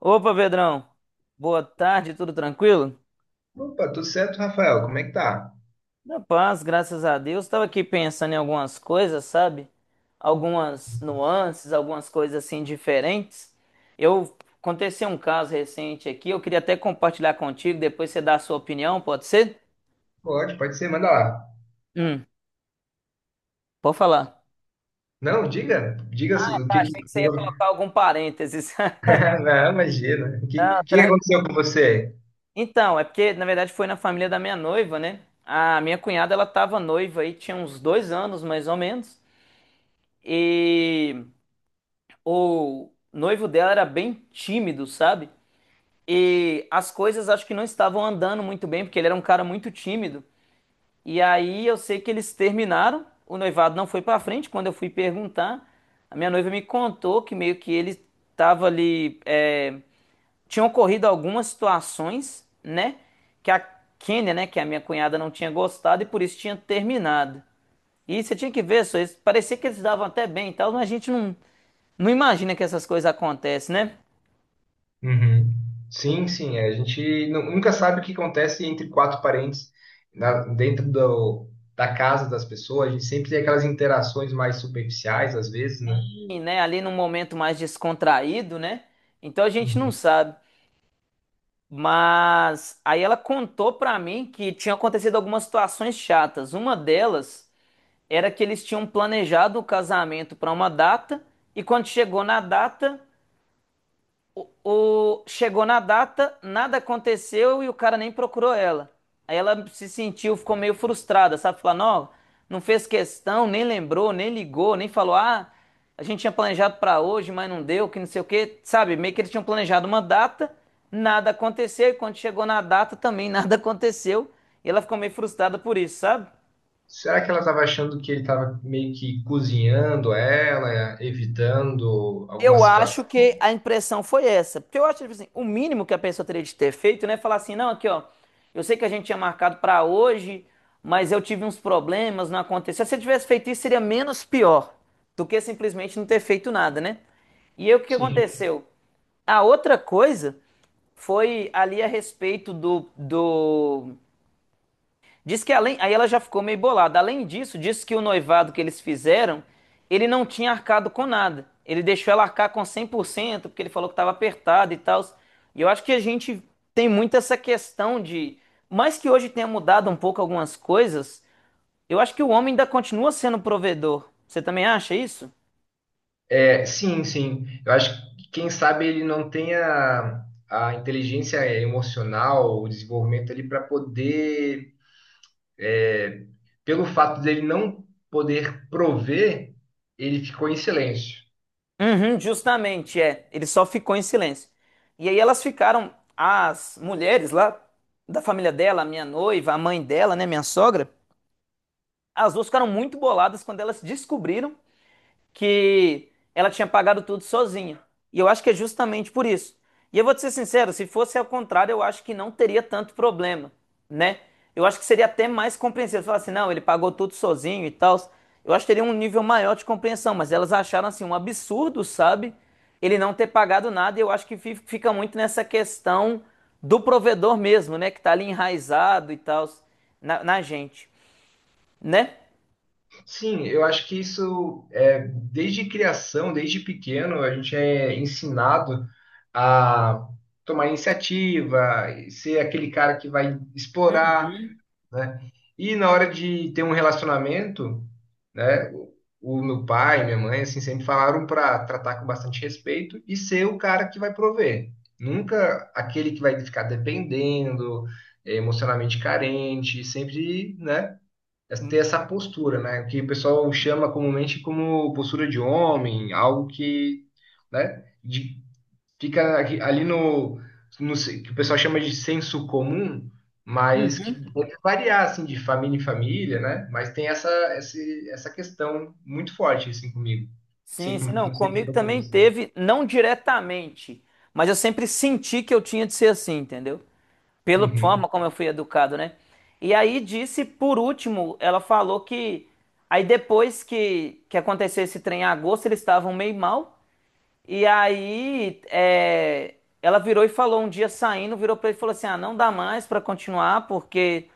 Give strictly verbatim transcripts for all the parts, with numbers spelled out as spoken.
Opa, Pedrão. Boa tarde, tudo tranquilo? Opa, tudo certo, Rafael? Como é que tá? Na paz, graças a Deus. Estava aqui pensando em algumas coisas, sabe? Algumas nuances, algumas coisas assim diferentes. Eu Aconteceu um caso recente aqui, eu queria até compartilhar contigo, depois você dá a sua opinião, pode ser? Pode, pode ser, manda lá. Hum, Pode falar. Não, diga, diga Ah, o tá, que que... achei que você que- ia colocar algum parênteses. Não, imagina. O que, o Não, que que tran- aconteceu com você? então, é porque na verdade foi na família da minha noiva, né? A minha cunhada ela tava noiva aí, tinha uns dois anos mais ou menos. E o noivo dela era bem tímido, sabe? E as coisas acho que não estavam andando muito bem, porque ele era um cara muito tímido. E aí eu sei que eles terminaram, o noivado não foi pra frente. Quando eu fui perguntar, a minha noiva me contou que meio que ele estava ali, é, tinham ocorrido algumas situações, né, que a Kênia, né, que a minha cunhada não tinha gostado e por isso tinha terminado. E você tinha que ver, só isso, parecia que eles davam até bem e tal, mas a gente não, não imagina que essas coisas acontecem, né? Uhum. Sim, sim, a gente nu- nunca sabe o que acontece entre quatro parentes na- dentro do- da casa das pessoas. A gente sempre tem aquelas interações mais superficiais, às vezes, né? E, né, ali num momento mais descontraído, né? Então a gente não Uhum. sabe. Mas aí ela contou pra mim que tinha acontecido algumas situações chatas. Uma delas era que eles tinham planejado o casamento pra uma data e quando chegou na data, O, o- chegou na data, nada aconteceu e o cara nem procurou ela. Aí ela se sentiu, ficou meio frustrada, sabe? Falando, ó, não fez questão, nem lembrou, nem ligou, nem falou, ah, a gente tinha planejado pra hoje, mas não deu, que não sei o quê, sabe? Meio que eles tinham planejado uma data, nada aconteceu e quando chegou na data também nada aconteceu e ela ficou meio frustrada por isso, sabe? Será que ela estava achando que ele estava meio que cozinhando ela, evitando alguma Eu acho situação? que a impressão foi essa. Porque eu acho, tipo assim, o mínimo que a pessoa teria de ter feito, né? é Falar assim, não, aqui, ó, eu sei que a gente tinha marcado pra hoje, mas eu tive uns problemas, não aconteceu. Se você tivesse feito isso, seria menos pior do que simplesmente não ter feito nada, né? E aí, o que Sim. aconteceu? A outra coisa foi ali a respeito do, do diz que além, aí ela já ficou meio bolada. Além disso, diz que o noivado que eles fizeram, ele não tinha arcado com nada. Ele deixou ela arcar com cem por cento porque ele falou que estava apertado e tal. E eu acho que a gente tem muito essa questão de, mais que hoje tenha mudado um pouco algumas coisas, eu acho que o homem ainda continua sendo provedor. Você também acha isso? É, sim, sim. Eu acho que quem sabe ele não tenha a inteligência emocional, o desenvolvimento ali para poder, é, pelo fato dele não poder prover, ele ficou em silêncio. Uhum, justamente, é. Ele só ficou em silêncio. E aí elas ficaram, as mulheres lá da família dela, a minha noiva, a mãe dela, né, minha sogra, as duas ficaram muito boladas quando elas descobriram que ela tinha pagado tudo sozinha. E eu acho que é justamente por isso. E eu vou te ser sincero, se fosse ao contrário, eu acho que não teria tanto problema, né? Eu acho que seria até mais compreensível. Falar assim, não, ele pagou tudo sozinho e tal. Eu acho que teria um nível maior de compreensão, mas elas acharam assim um absurdo, sabe? Ele não ter pagado nada, e eu acho que fi- fica muito nessa questão do provedor mesmo, né? Que tá ali enraizado e tal na, na gente, né? Sim, eu acho que isso é desde criação, desde pequeno, a gente é ensinado a tomar iniciativa, ser aquele cara que vai explorar, né? E na hora de ter um relacionamento, né? O o meu pai, minha mãe, assim, sempre falaram para tratar com bastante respeito e ser o cara que vai prover. Nunca aquele que vai ficar dependendo, eh, emocionalmente carente, sempre, né? Ter essa postura, né? Que o pessoal chama comumente como postura de homem, algo que, né? de- Fica aqui- ali no, no ce- que o pessoal chama de senso comum, mas que pode variar assim de família em família, né? Mas tem essa esse- essa questão muito forte assim comigo. Sei Sim, sim, como, não, não sei como comigo foi com também você. teve, não diretamente, mas eu sempre senti que eu tinha de ser assim, entendeu? Pela Uhum, forma como eu fui educado, né? E aí disse, por último, ela falou que aí depois que, que aconteceu esse trem em agosto, eles estavam meio mal, e aí é, ela virou e falou um dia saindo, virou pra ele e falou assim: ah, não dá mais pra continuar, porque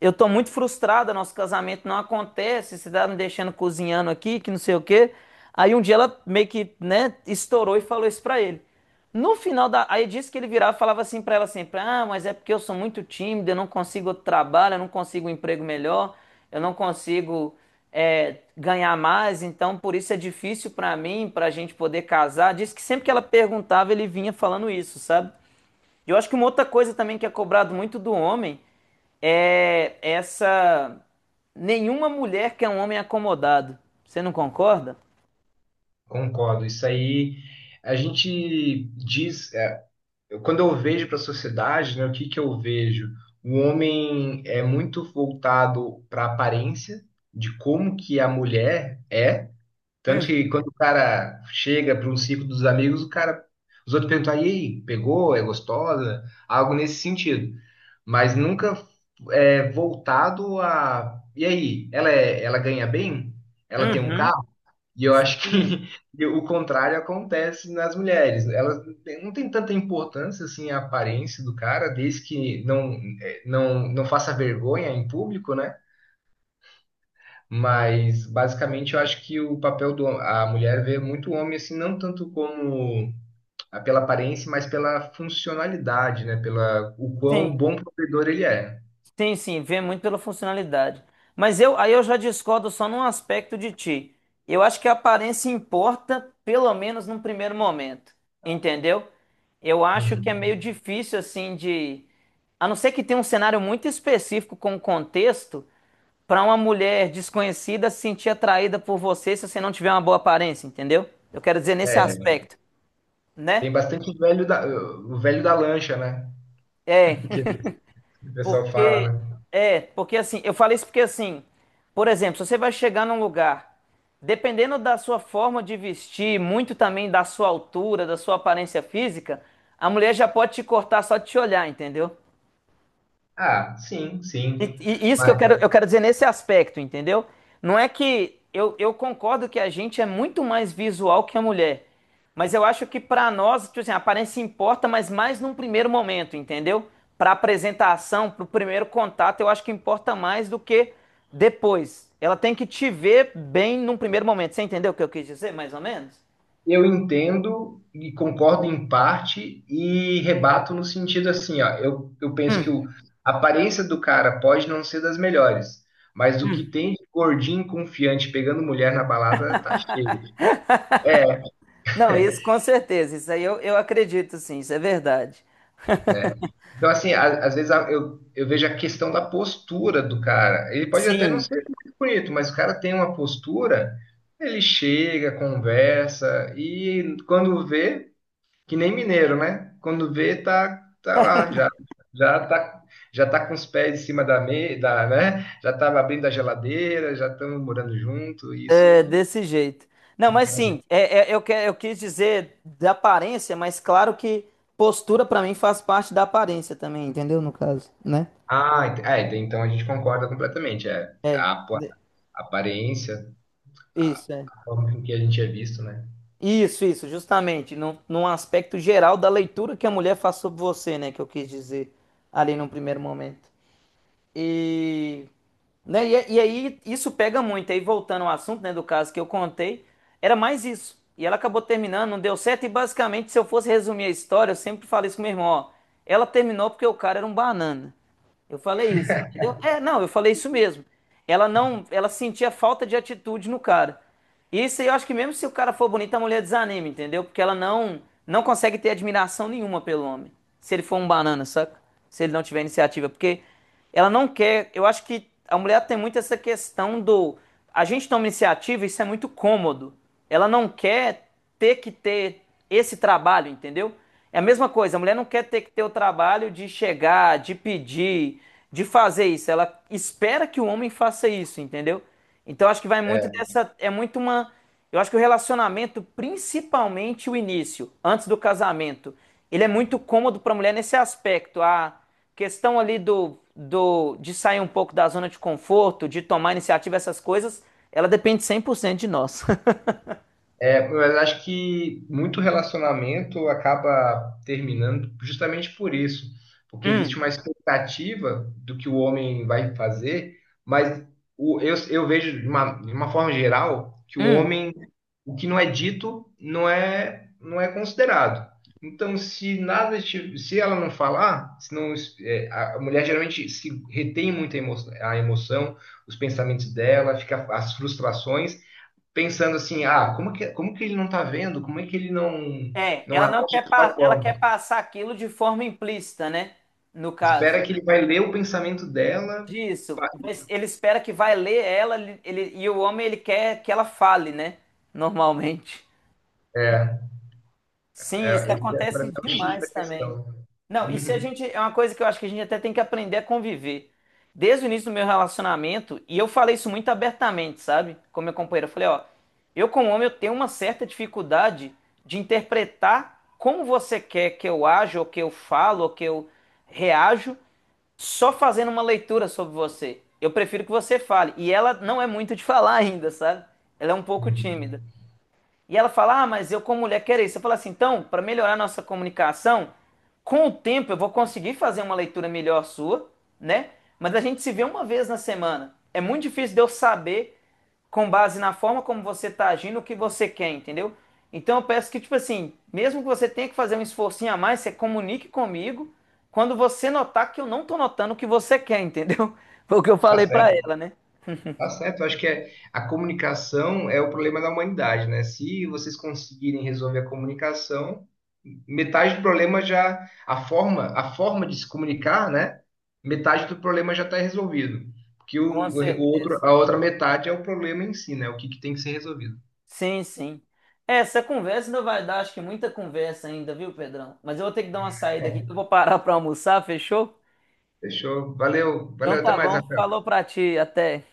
eu tô muito frustrada, nosso casamento não acontece, você tá me deixando cozinhando aqui, que não sei o quê. Aí um dia ela meio que, né, estourou e falou isso pra ele. No final da. Aí disse que ele virava e falava assim pra ela sempre: ah, mas é porque eu sou muito tímido, eu não consigo outro trabalho, eu não consigo um emprego melhor, eu não consigo é, ganhar mais, então por isso é difícil pra mim, pra gente poder casar. Disse que sempre que ela perguntava, ele vinha falando isso, sabe? Eu acho que uma outra coisa também que é cobrado muito do homem é essa. Nenhuma mulher quer um homem acomodado. Você não concorda? concordo. Isso aí a gente diz, é, eu- quando eu vejo para a sociedade, né, o que que eu vejo? O homem é muito voltado para a aparência de como que a mulher é. Tanto Hum. que quando o cara chega para um ciclo dos amigos, o cara, os outros perguntam: "Ah, e aí, pegou? É gostosa?" Algo nesse sentido. Mas nunca é voltado a... E aí, ela, é, ela ganha bem? Ela tem um Uhum. carro? E eu acho Sim, que o contrário acontece nas mulheres. Elas não têm, não têm tanta importância assim a aparência do cara, desde que não, eh, não, não faça vergonha em público, né? Mas basicamente eu acho que o papel do a mulher vê muito o homem assim não tanto como ah, pela aparência, mas pela funcionalidade, né? Pela o quão sim, bom provedor ele é. sim, sim, vê muito pela funcionalidade. Mas eu, aí eu já discordo só num aspecto de ti. Eu acho que a aparência importa, pelo menos num primeiro momento, entendeu? Eu acho que é meio Hum. difícil assim de, a não ser que tenha um cenário muito específico com contexto, para uma mulher desconhecida se sentir atraída por você se você não tiver uma boa aparência, entendeu? Eu quero dizer nesse É, aspecto, né? tem bastante o velho da o velho da lancha, né? É, Que o pessoal porque fala, né? é, porque assim, eu falei isso porque assim, por exemplo, se você vai chegar num lugar, dependendo da sua forma de vestir, muito também da sua altura, da sua aparência física, a mulher já pode te cortar só de te olhar, entendeu? Ah, sim, sim. E, e isso que eu quero, eu quero, dizer nesse aspecto, entendeu? Não é que eu, eu concordo que a gente é muito mais visual que a mulher, mas eu acho que pra nós, tipo assim, a aparência importa, mas mais num primeiro momento, entendeu? Pra apresentação, pro primeiro contato, eu acho que importa mais do que depois. Ela tem que te ver bem num primeiro momento. Você entendeu o que eu quis dizer, mais ou menos? Eu entendo e concordo em parte e rebato no sentido assim, ó, eu, eu penso que o- a aparência do cara pode não ser das melhores, mas o que Hum. tem de gordinho confiante pegando mulher na balada tá cheio. É, Não, isso com certeza, isso aí eu, eu acredito sim, isso é verdade. é. Então, assim, a- às vezes a- eu, eu vejo a questão da postura do cara. Ele pode até não Sim. ser muito bonito, mas o cara tem uma postura, ele chega, conversa, e quando vê... Que nem mineiro, né? Quando vê, tá, tá lá, já, já tá, já tá com os pés em cima da mesa, né? Já estava abrindo a geladeira, já estamos morando junto, É, isso. desse jeito. Não, mas sim, é, é, eu, que, eu quis dizer da aparência, mas claro que postura pra mim faz parte da aparência também, entendeu? No caso, né? Ah, ent- ah, ent- é, então a gente concorda completamente. É a apa- De- a aparência, a, Isso, é. a forma com que a gente é visto, né? Isso, isso, justamente, num, num aspecto geral da leitura que a mulher faz sobre você, né? Que eu quis dizer ali num primeiro momento. E, né, e, é, e aí isso pega muito. Aí voltando ao assunto, né, do caso que eu contei, era mais isso. E ela acabou terminando, não deu certo. E basicamente, se eu fosse resumir a história, eu sempre falei isso com meu irmão, ó, ela terminou porque o cara era um banana. Eu falei isso, entendeu? É, não, eu falei isso mesmo. Ela não, ela sentia falta de atitude no cara. E isso aí eu acho que mesmo se o cara for bonito, a mulher desanima, entendeu? Porque ela não não consegue ter admiração nenhuma pelo homem. Se ele for um banana, saca? Se ele não tiver iniciativa, porque ela não quer. Eu acho que a mulher tem muito essa questão do. A gente toma iniciativa, isso é muito cômodo. Ela não quer ter que ter esse trabalho, entendeu? É a mesma coisa, a mulher não quer ter que ter o trabalho de chegar, de pedir, de fazer isso. Ela espera que o homem faça isso, entendeu? Então acho que vai muito É. dessa. É muito uma. Eu acho que o relacionamento, principalmente o início, antes do casamento, ele é muito cômodo para a mulher nesse aspecto. A questão ali do, do de sair um pouco da zona de conforto, de tomar iniciativa, essas coisas, ela depende cem por cento de nós. É, mas acho que muito relacionamento acaba terminando justamente por isso, porque existe Hum. uma expectativa do que o homem vai fazer, mas o- eu, eu vejo de uma, de uma forma geral que o Hum. homem, o que não é dito, não é, não é considerado. Então, se nada, ti- se ela não falar, se não, é, a a mulher geralmente se retém muito a emo- a emoção, os pensamentos dela, fica as frustrações pensando assim, ah, como que, como que ele não está vendo? Como é que ele não, É, não ela não age quer, de tal pa- ela quer forma? passar aquilo de forma implícita, né? No caso Espera que ele vai ler o pensamento dela. disso, mas ele espera que vai ler ela ele, ele- e o homem ele quer que ela fale, né? Normalmente. É, Sim, isso é, esse é para acontece mim é o X da demais também. questão. Não, isso a Uhum, gente é uma coisa que eu acho que a gente até tem que aprender a conviver. Desde o início do meu relacionamento, e eu falei isso muito abertamente, sabe? Com meu companheiro, eu falei, ó, eu como homem eu tenho uma certa dificuldade de interpretar como você quer que eu aja, ou que eu falo, ou que eu reajo, só fazendo uma leitura sobre você. Eu prefiro que você fale. E ela não é muito de falar ainda, sabe? Ela é um pouco uhum. tímida. E ela fala: ah, mas eu como mulher quero isso. Eu falo assim: então, para melhorar nossa comunicação, com o tempo eu vou conseguir fazer uma leitura melhor sua, né? Mas a gente se vê uma vez na semana. É muito difícil de eu saber, com base na forma como você está agindo, o que você quer, entendeu? Então eu peço que, tipo assim, mesmo que você tenha que fazer um esforcinho a mais, você comunique comigo quando você notar que eu não estou notando o que você quer, entendeu? Foi o que eu Tá falei para certo. ela, né? Tá certo, eu acho que é, a comunicação é o problema da humanidade, né? Se vocês conseguirem resolver a comunicação, metade do problema já, a forma, a forma de se comunicar, né? Metade do problema já está resolvido. Porque Com o, o outro, certeza. a outra metade é o problema em si, né? O que, que tem que ser resolvido. Sim, sim. É, essa conversa ainda vai dar, acho que muita conversa ainda, viu, Pedrão? Mas eu vou ter que dar uma saída aqui, É. que eu vou parar para almoçar, fechou? Fechou? Valeu, Então valeu, até tá mais, bom, Rafael. falou pra ti, até.